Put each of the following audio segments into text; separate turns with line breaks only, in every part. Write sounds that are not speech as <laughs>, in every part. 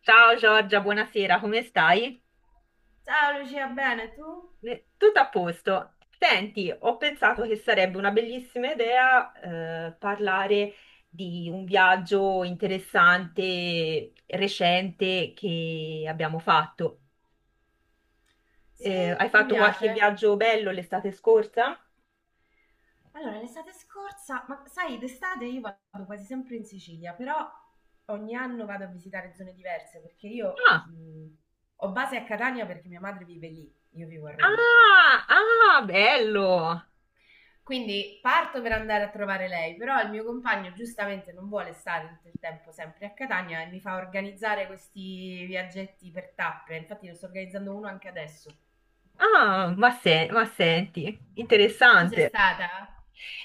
Ciao Giorgia, buonasera, come stai?
Ciao Lucia, bene tu?
Tutto a posto. Senti, ho pensato che sarebbe una bellissima idea parlare di un viaggio interessante, recente che abbiamo fatto.
Sì,
Hai
mi
fatto qualche
piace.
viaggio bello l'estate scorsa?
Allora, l'estate scorsa, ma sai, d'estate io vado quasi sempre in Sicilia, però ogni anno vado a visitare zone diverse perché io
Ah,
ho base a Catania perché mia madre vive lì, io vivo a Roma.
ah, bello!
Quindi parto per andare a trovare lei, però il mio compagno giustamente non vuole stare tutto il tempo sempre a Catania e mi fa organizzare questi viaggetti per tappe. Infatti ne sto organizzando uno anche adesso.
Ah, ma, ma senti,
Tu sei
interessante.
stata?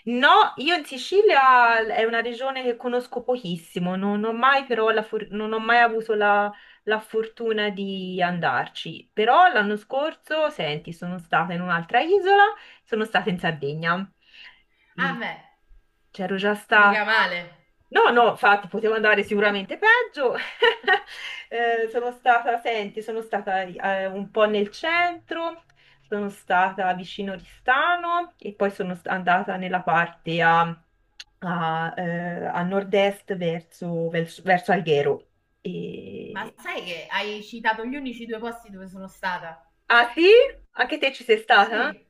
No, io in Sicilia è una regione che conosco pochissimo, non ho mai, però non ho mai avuto la fortuna di andarci. Però l'anno scorso, senti, sono stata in un'altra isola, sono stata in Sardegna.
Ah,
E
beh.
c'ero già
Mica
stata.
male.
No, no, infatti potevo andare sicuramente peggio. <laughs> Sono stata, senti, sono stata un po' nel centro, sono stata vicino Oristano e poi andata nella parte a nord-est verso Alghero.
Ma
E-
sai che hai citato gli unici due posti dove sono stata?
Ah sì? Anche te ci sei stata?
Sì.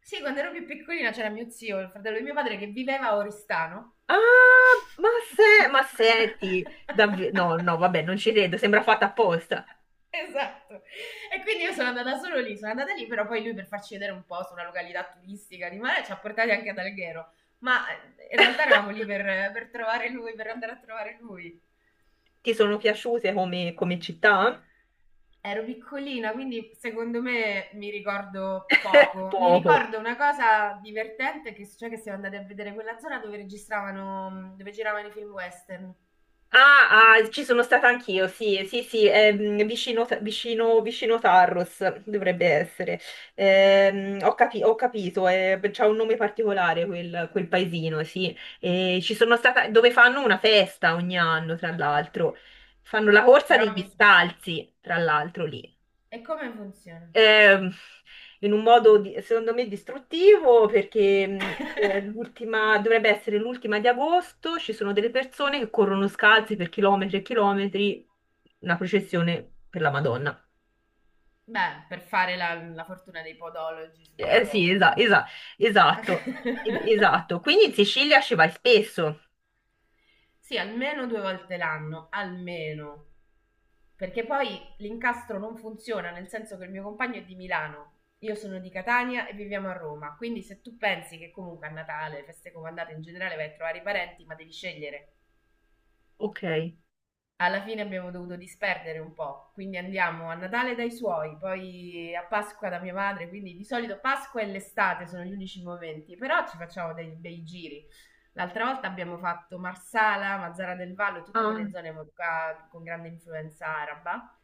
Sì, quando ero più piccolina c'era mio zio, il fratello di mio padre, che viveva a Oristano.
Ah, ma, ma senti, davvero... No, no,
<laughs>
vabbè, non ci credo, sembra fatta apposta.
Esatto. E quindi io sono andata solo lì, sono andata lì, però poi lui per farci vedere un po' su una località turistica di mare ci ha portati anche ad Alghero. Ma in realtà eravamo lì per trovare lui, per andare a trovare lui.
Ti sono piaciute come città?
Ero piccolina, quindi secondo me mi ricordo poco. Mi
Poco.
ricordo una cosa divertente che cioè che siamo andati a vedere quella zona dove registravano, dove giravano i film western.
Ah, ah, ci sono stata anch'io, sì, sì, sì, è, mm, vicino Tarros dovrebbe essere. Ho capito, c'ha un nome particolare quel paesino, sì. E ci sono stata, dove fanno una festa ogni anno, tra l'altro. Fanno la corsa
Però
degli
mi.
scalzi, tra l'altro, lì.
E come funziona?
Ehm, in un
Mm.
secondo me distruttivo perché è dovrebbe essere l'ultima di agosto, ci sono delle persone che corrono scalzi per chilometri e chilometri, una processione per la Madonna.
Beh, per fare la fortuna dei podologi subito
Sì,
dopo, in realtà.
esatto,
<laughs>
esatto. Quindi in Sicilia ci vai spesso.
Sì, almeno due volte l'anno, almeno. Perché poi l'incastro non funziona, nel senso che il mio compagno è di Milano, io sono di Catania e viviamo a Roma, quindi se tu pensi che comunque a Natale, feste comandate in generale vai a trovare i parenti, ma devi scegliere.
Ok.
Alla fine abbiamo dovuto disperdere un po', quindi andiamo a Natale dai suoi, poi a Pasqua da mia madre, quindi di solito Pasqua e l'estate sono gli unici momenti, però ci facciamo dei bei giri. L'altra volta abbiamo fatto Marsala, Mazzara del Vallo, tutte
Ah,
quelle zone qua con grande influenza araba.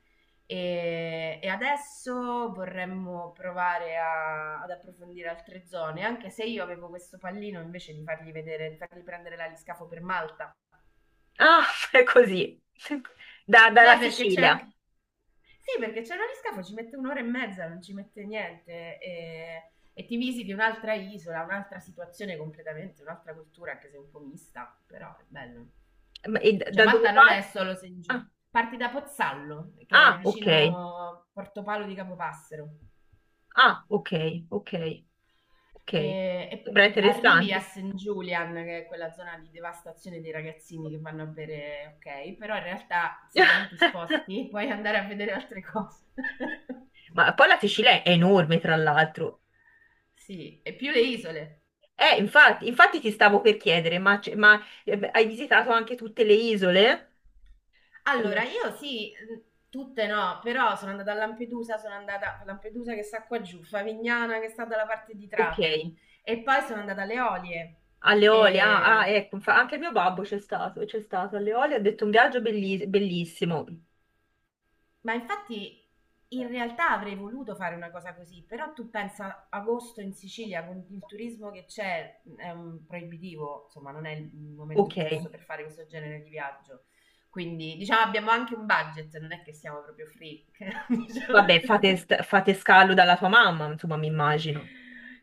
E adesso vorremmo provare ad approfondire altre zone, anche se io avevo questo pallino invece di fargli vedere, di fargli prendere l'aliscafo per Malta.
ah, <laughs> è così. Da- dalla
Beh, perché c'è
Sicilia.
anche. Sì, perché c'è un aliscafo, ci mette un'ora e mezza, non ci mette niente. E ti visiti un'altra isola, un'altra situazione completamente, un'altra cultura, anche se un po' mista, però è bello.
Ma- E
Cioè
da dove
Malta non
parte?
è solo Saint Giu.
Ah,
Parti da Pozzallo, che è
ah, ok.
vicino Portopalo di Capopassero,
Ah, ok, ok, ok.
e, e
Sembra
arrivi a
interessante.
St. Julian, che è quella zona di devastazione dei ragazzini che vanno a bere, ok, però in realtà se da lì ti
<laughs>
sposti puoi andare a vedere altre cose. <laughs>
Ma poi la Sicilia è enorme, tra l'altro.
Sì, e più le isole.
Infatti, infatti ti stavo per chiedere, ma, ma, beh, hai visitato anche tutte le isole?
Allora,
Eh,
io sì, tutte no, però sono andata a Lampedusa che sta qua giù, Favignana che sta dalla parte di
ok,
Trapani e poi sono andata alle Olie.
alle Eolie, ah, ah,
E-
ecco, anche il mio babbo c'è stato alle Eolie, ha detto un bellissimo.
Ma infatti in realtà avrei voluto fare una cosa così, però tu pensa agosto in Sicilia con il turismo che c'è, è un proibitivo, insomma, non è il
Ok,
momento giusto per fare questo genere di viaggio. Quindi, diciamo, abbiamo anche un budget, non è che siamo proprio free. <laughs> Diciamo.
vabbè, fate, fate scalo dalla tua mamma, insomma, mi immagino.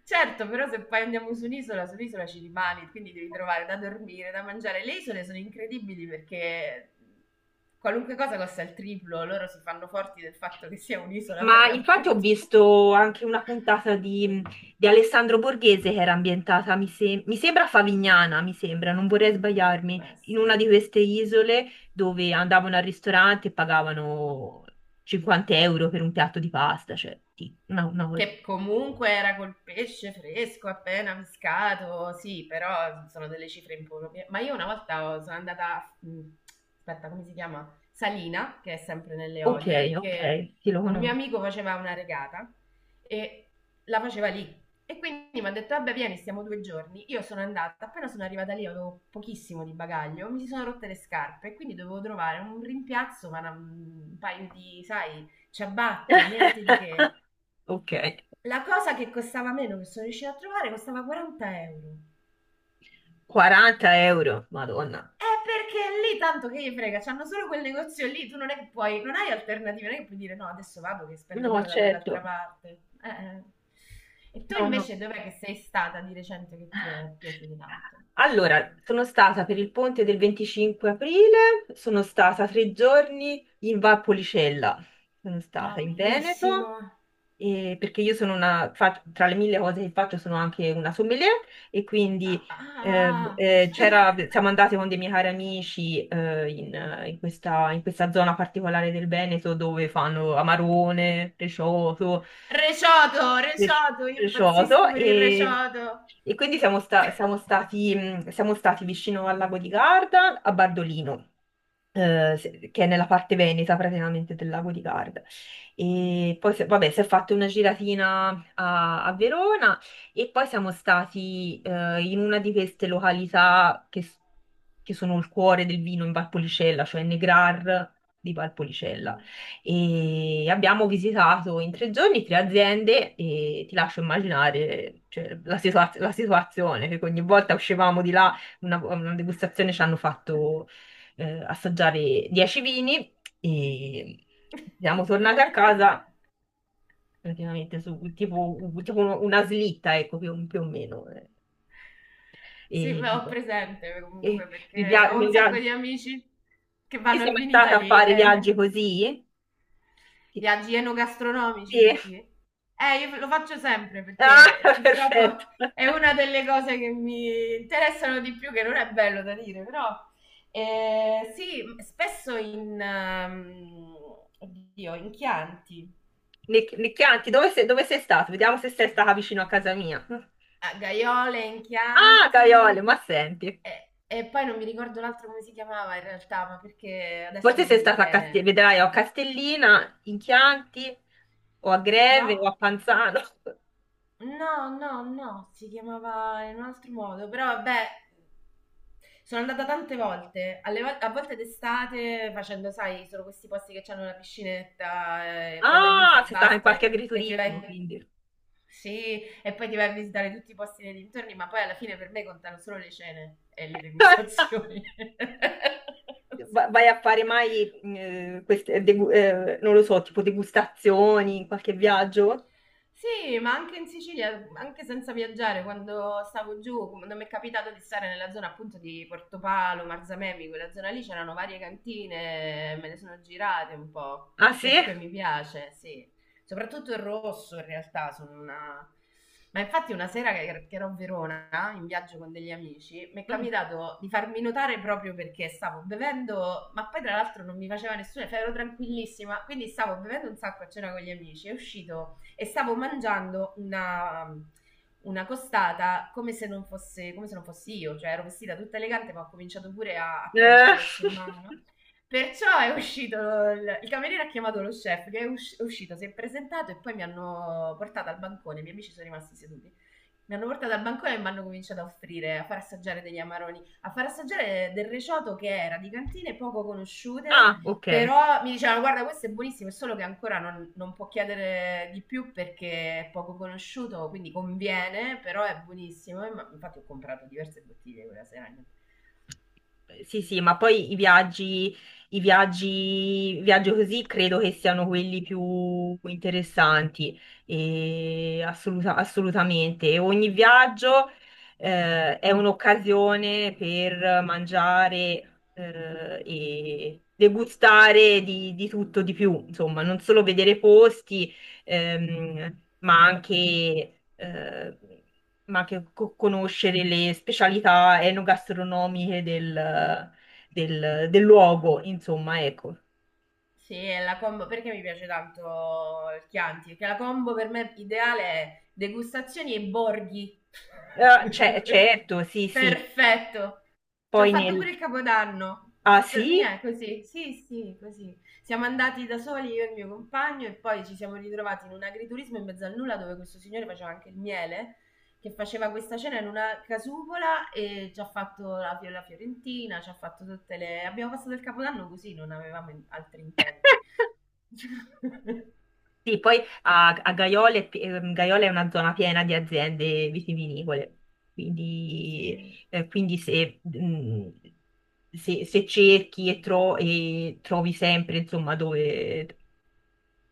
Certo, però se poi andiamo su un'isola, sull'isola ci rimani, quindi devi trovare da dormire, da mangiare. Le isole sono incredibili perché qualunque cosa costa il triplo, loro si fanno forti del fatto che sia un'isola per
Ma infatti ho
l'appunto.
visto anche una puntata di Alessandro Borghese che era ambientata, mi, mi sembra a Favignana, mi sembra, non vorrei
<laughs>
sbagliarmi,
Può
in una
essere.
di queste isole dove andavano al ristorante e pagavano 50 euro per un piatto di pasta, cioè sì, una cosa.
Che comunque era col pesce fresco appena pescato, sì, però sono delle cifre improprie. Ma io una volta sono andata, aspetta, come si chiama? Salina, che è sempre nelle
Ok,
Olie,
ok,
perché
sì, lo
un mio
conosco.
amico faceva una regata e la faceva lì. E quindi mi ha detto, vabbè, vieni, stiamo 2 giorni. Io sono andata, appena sono arrivata lì avevo pochissimo di bagaglio, mi si sono rotte le scarpe e quindi dovevo trovare un rimpiazzo, ma un paio di, sai, ciabatte, niente di che.
<laughs> Ok,
La cosa che costava meno, che sono riuscita a trovare, costava 40 euro.
40 euro, Madonna.
È perché lì tanto che gli frega, c'hanno solo quel negozio lì, tu non è che puoi, non hai alternative, non è che puoi dire no, adesso vado che spendo
No,
meno da
certo.
quell'altra parte. E tu
No, no.
invece dov'è che sei stata di recente che ti è piaciuto tanto?
Allora, sono stata per il ponte del 25 aprile, sono stata tre giorni in Valpolicella, sono
Ah,
stata in Veneto,
bellissimo.
perché io sono una, tra le mille cose che faccio sono anche una sommelier e
Ah,
quindi
ah, ah. <laughs>
siamo andate con dei miei cari amici in, in in questa zona particolare del Veneto dove fanno amarone, precioto
Recioto,
cres-
recioto, io
crescioso
impazzisco per il recioto.
e quindi siamo,
<laughs>
siamo stati vicino al lago di Garda, a Bardolino che è nella parte veneta praticamente del lago di Garda. E poi, vabbè, si è fatta una giratina a Verona e poi siamo stati in una di queste località che sono il cuore del vino in Valpolicella, cioè Negrar di Valpolicella.
Mm.
E abbiamo visitato in tre giorni tre aziende e ti lascio immaginare, cioè, la situazione, che ogni volta uscivamo di là una degustazione ci hanno fatto assaggiare 10 vini e siamo tornati a casa
<laughs>
praticamente su una slitta, ecco, più o meno.
Sì, beh, ho
E,
presente
e
comunque
mi
perché
pia-
ho
mi
un sacco
pia-
di amici che
io
vanno
sono
al
mai stata a
Vinitaly
fare
e
viaggi così? Sì.
viaggi enogastronomici,
Sì.
dici? Io lo faccio sempre perché
Ah, <laughs>
purtroppo
perfetto.
è una delle cose che mi interessano di più, che non è bello da dire, però sì, spesso in, oddio, in Chianti.
Nicchianti, dove sei stato? Vediamo se sei stata vicino a casa mia.
A Gaiole,
Ah,
Enchianti
Caiole, ma senti.
e poi non mi ricordo l'altro come si chiamava in realtà, ma perché adesso
Forse
non
sei
mi
stata a
viene.
Castellina, vedrai, o a Castellina, in Chianti, o a Greve,
No?
o a Panzano.
No, no, no, si chiamava in un altro modo, però vabbè, sono andata tante volte, a volte d'estate facendo, sai, sono questi posti che hanno la piscinetta e poi da lì
Ah,
fai
sei stata in qualche
base e ti
agriturismo,
vai.
quindi.
Sì, e poi ti vai a visitare tutti i posti nei dintorni, ma poi alla fine per me contano solo le cene e le degustazioni.
<laughs>
<laughs>
Va- Vai a fare mai, non lo so, tipo degustazioni in qualche viaggio?
Sì, ma anche in Sicilia, anche senza viaggiare, quando stavo giù, quando mi è capitato di stare nella zona appunto di Portopalo, Marzamemi, quella zona lì c'erano varie cantine, me ne sono girate un po'
Ah, sì?
perché mi piace, sì. Soprattutto il rosso in realtà, sono una. Ma infatti una sera che ero a Verona in viaggio con degli amici, mi è
Mm.
capitato di farmi notare proprio perché stavo bevendo, ma poi tra l'altro non mi faceva nessuno, cioè ero tranquillissima, quindi stavo bevendo un sacco a cena con gli amici, è uscito e stavo mangiando una costata come se non fossi io, cioè ero vestita tutta elegante ma ho cominciato pure a prendere
Eh,
l'osso in mano.
<laughs>
Perciò è uscito, il cameriere ha chiamato lo chef che è uscito, si è presentato e poi mi hanno portato al bancone, i miei amici sono rimasti seduti. Mi hanno portato al bancone e mi hanno cominciato a offrire, a far assaggiare degli amaroni, a far assaggiare del reciotto che era di cantine poco conosciute,
Ah, ok.
però mi dicevano guarda questo è buonissimo, è solo che ancora non può chiedere di più perché è poco conosciuto, quindi conviene, però è buonissimo. Infatti ho comprato diverse bottiglie quella sera.
Sì, sì, ma poi i viaggi, i viaggi così credo che siano quelli più interessanti, e assolutamente. E ogni viaggio è un'occasione per mangiare e degustare di tutto, di più, insomma, non solo vedere posti, ehm, ma anche, eh, ma anche conoscere le specialità enogastronomiche del luogo, insomma, ecco.
Sì, è la combo perché mi piace tanto il Chianti, perché la combo per me ideale è degustazioni e borghi.
Certo,
<laughs>
sì, sì.
Perfetto. Ci ho
Poi
fatto pure
nel...
il Capodanno.
Ah, sì?
Niente, così. Sì, sì, così. Siamo andati da soli io e il mio compagno e poi ci siamo ritrovati in un agriturismo in mezzo al nulla dove questo signore faceva anche il miele che faceva questa cena in una casupola e ci ha fatto la fiorentina, ci ha fatto tutte le. Abbiamo passato il capodanno così, non avevamo altri intenti.
<laughs>
<laughs>
Sì, poi a, a Gaiola, è Gaiola è una zona piena di aziende vitivinicole, quindi,
Sì.
quindi se, se cerchi e trovi sempre, insomma, dove,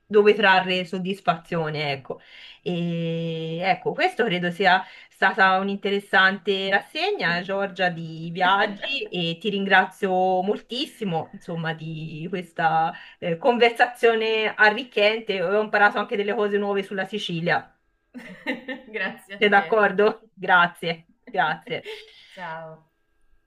dove trarre soddisfazione, ecco. E ecco, questo credo sia stata un'interessante rassegna, Giorgia, di
<laughs>
viaggi e ti ringrazio moltissimo, insomma, di questa conversazione arricchente. Ho imparato anche delle cose nuove sulla Sicilia.
<laughs> Grazie a
Sei
te.
d'accordo? Grazie, grazie.
<laughs> Ciao.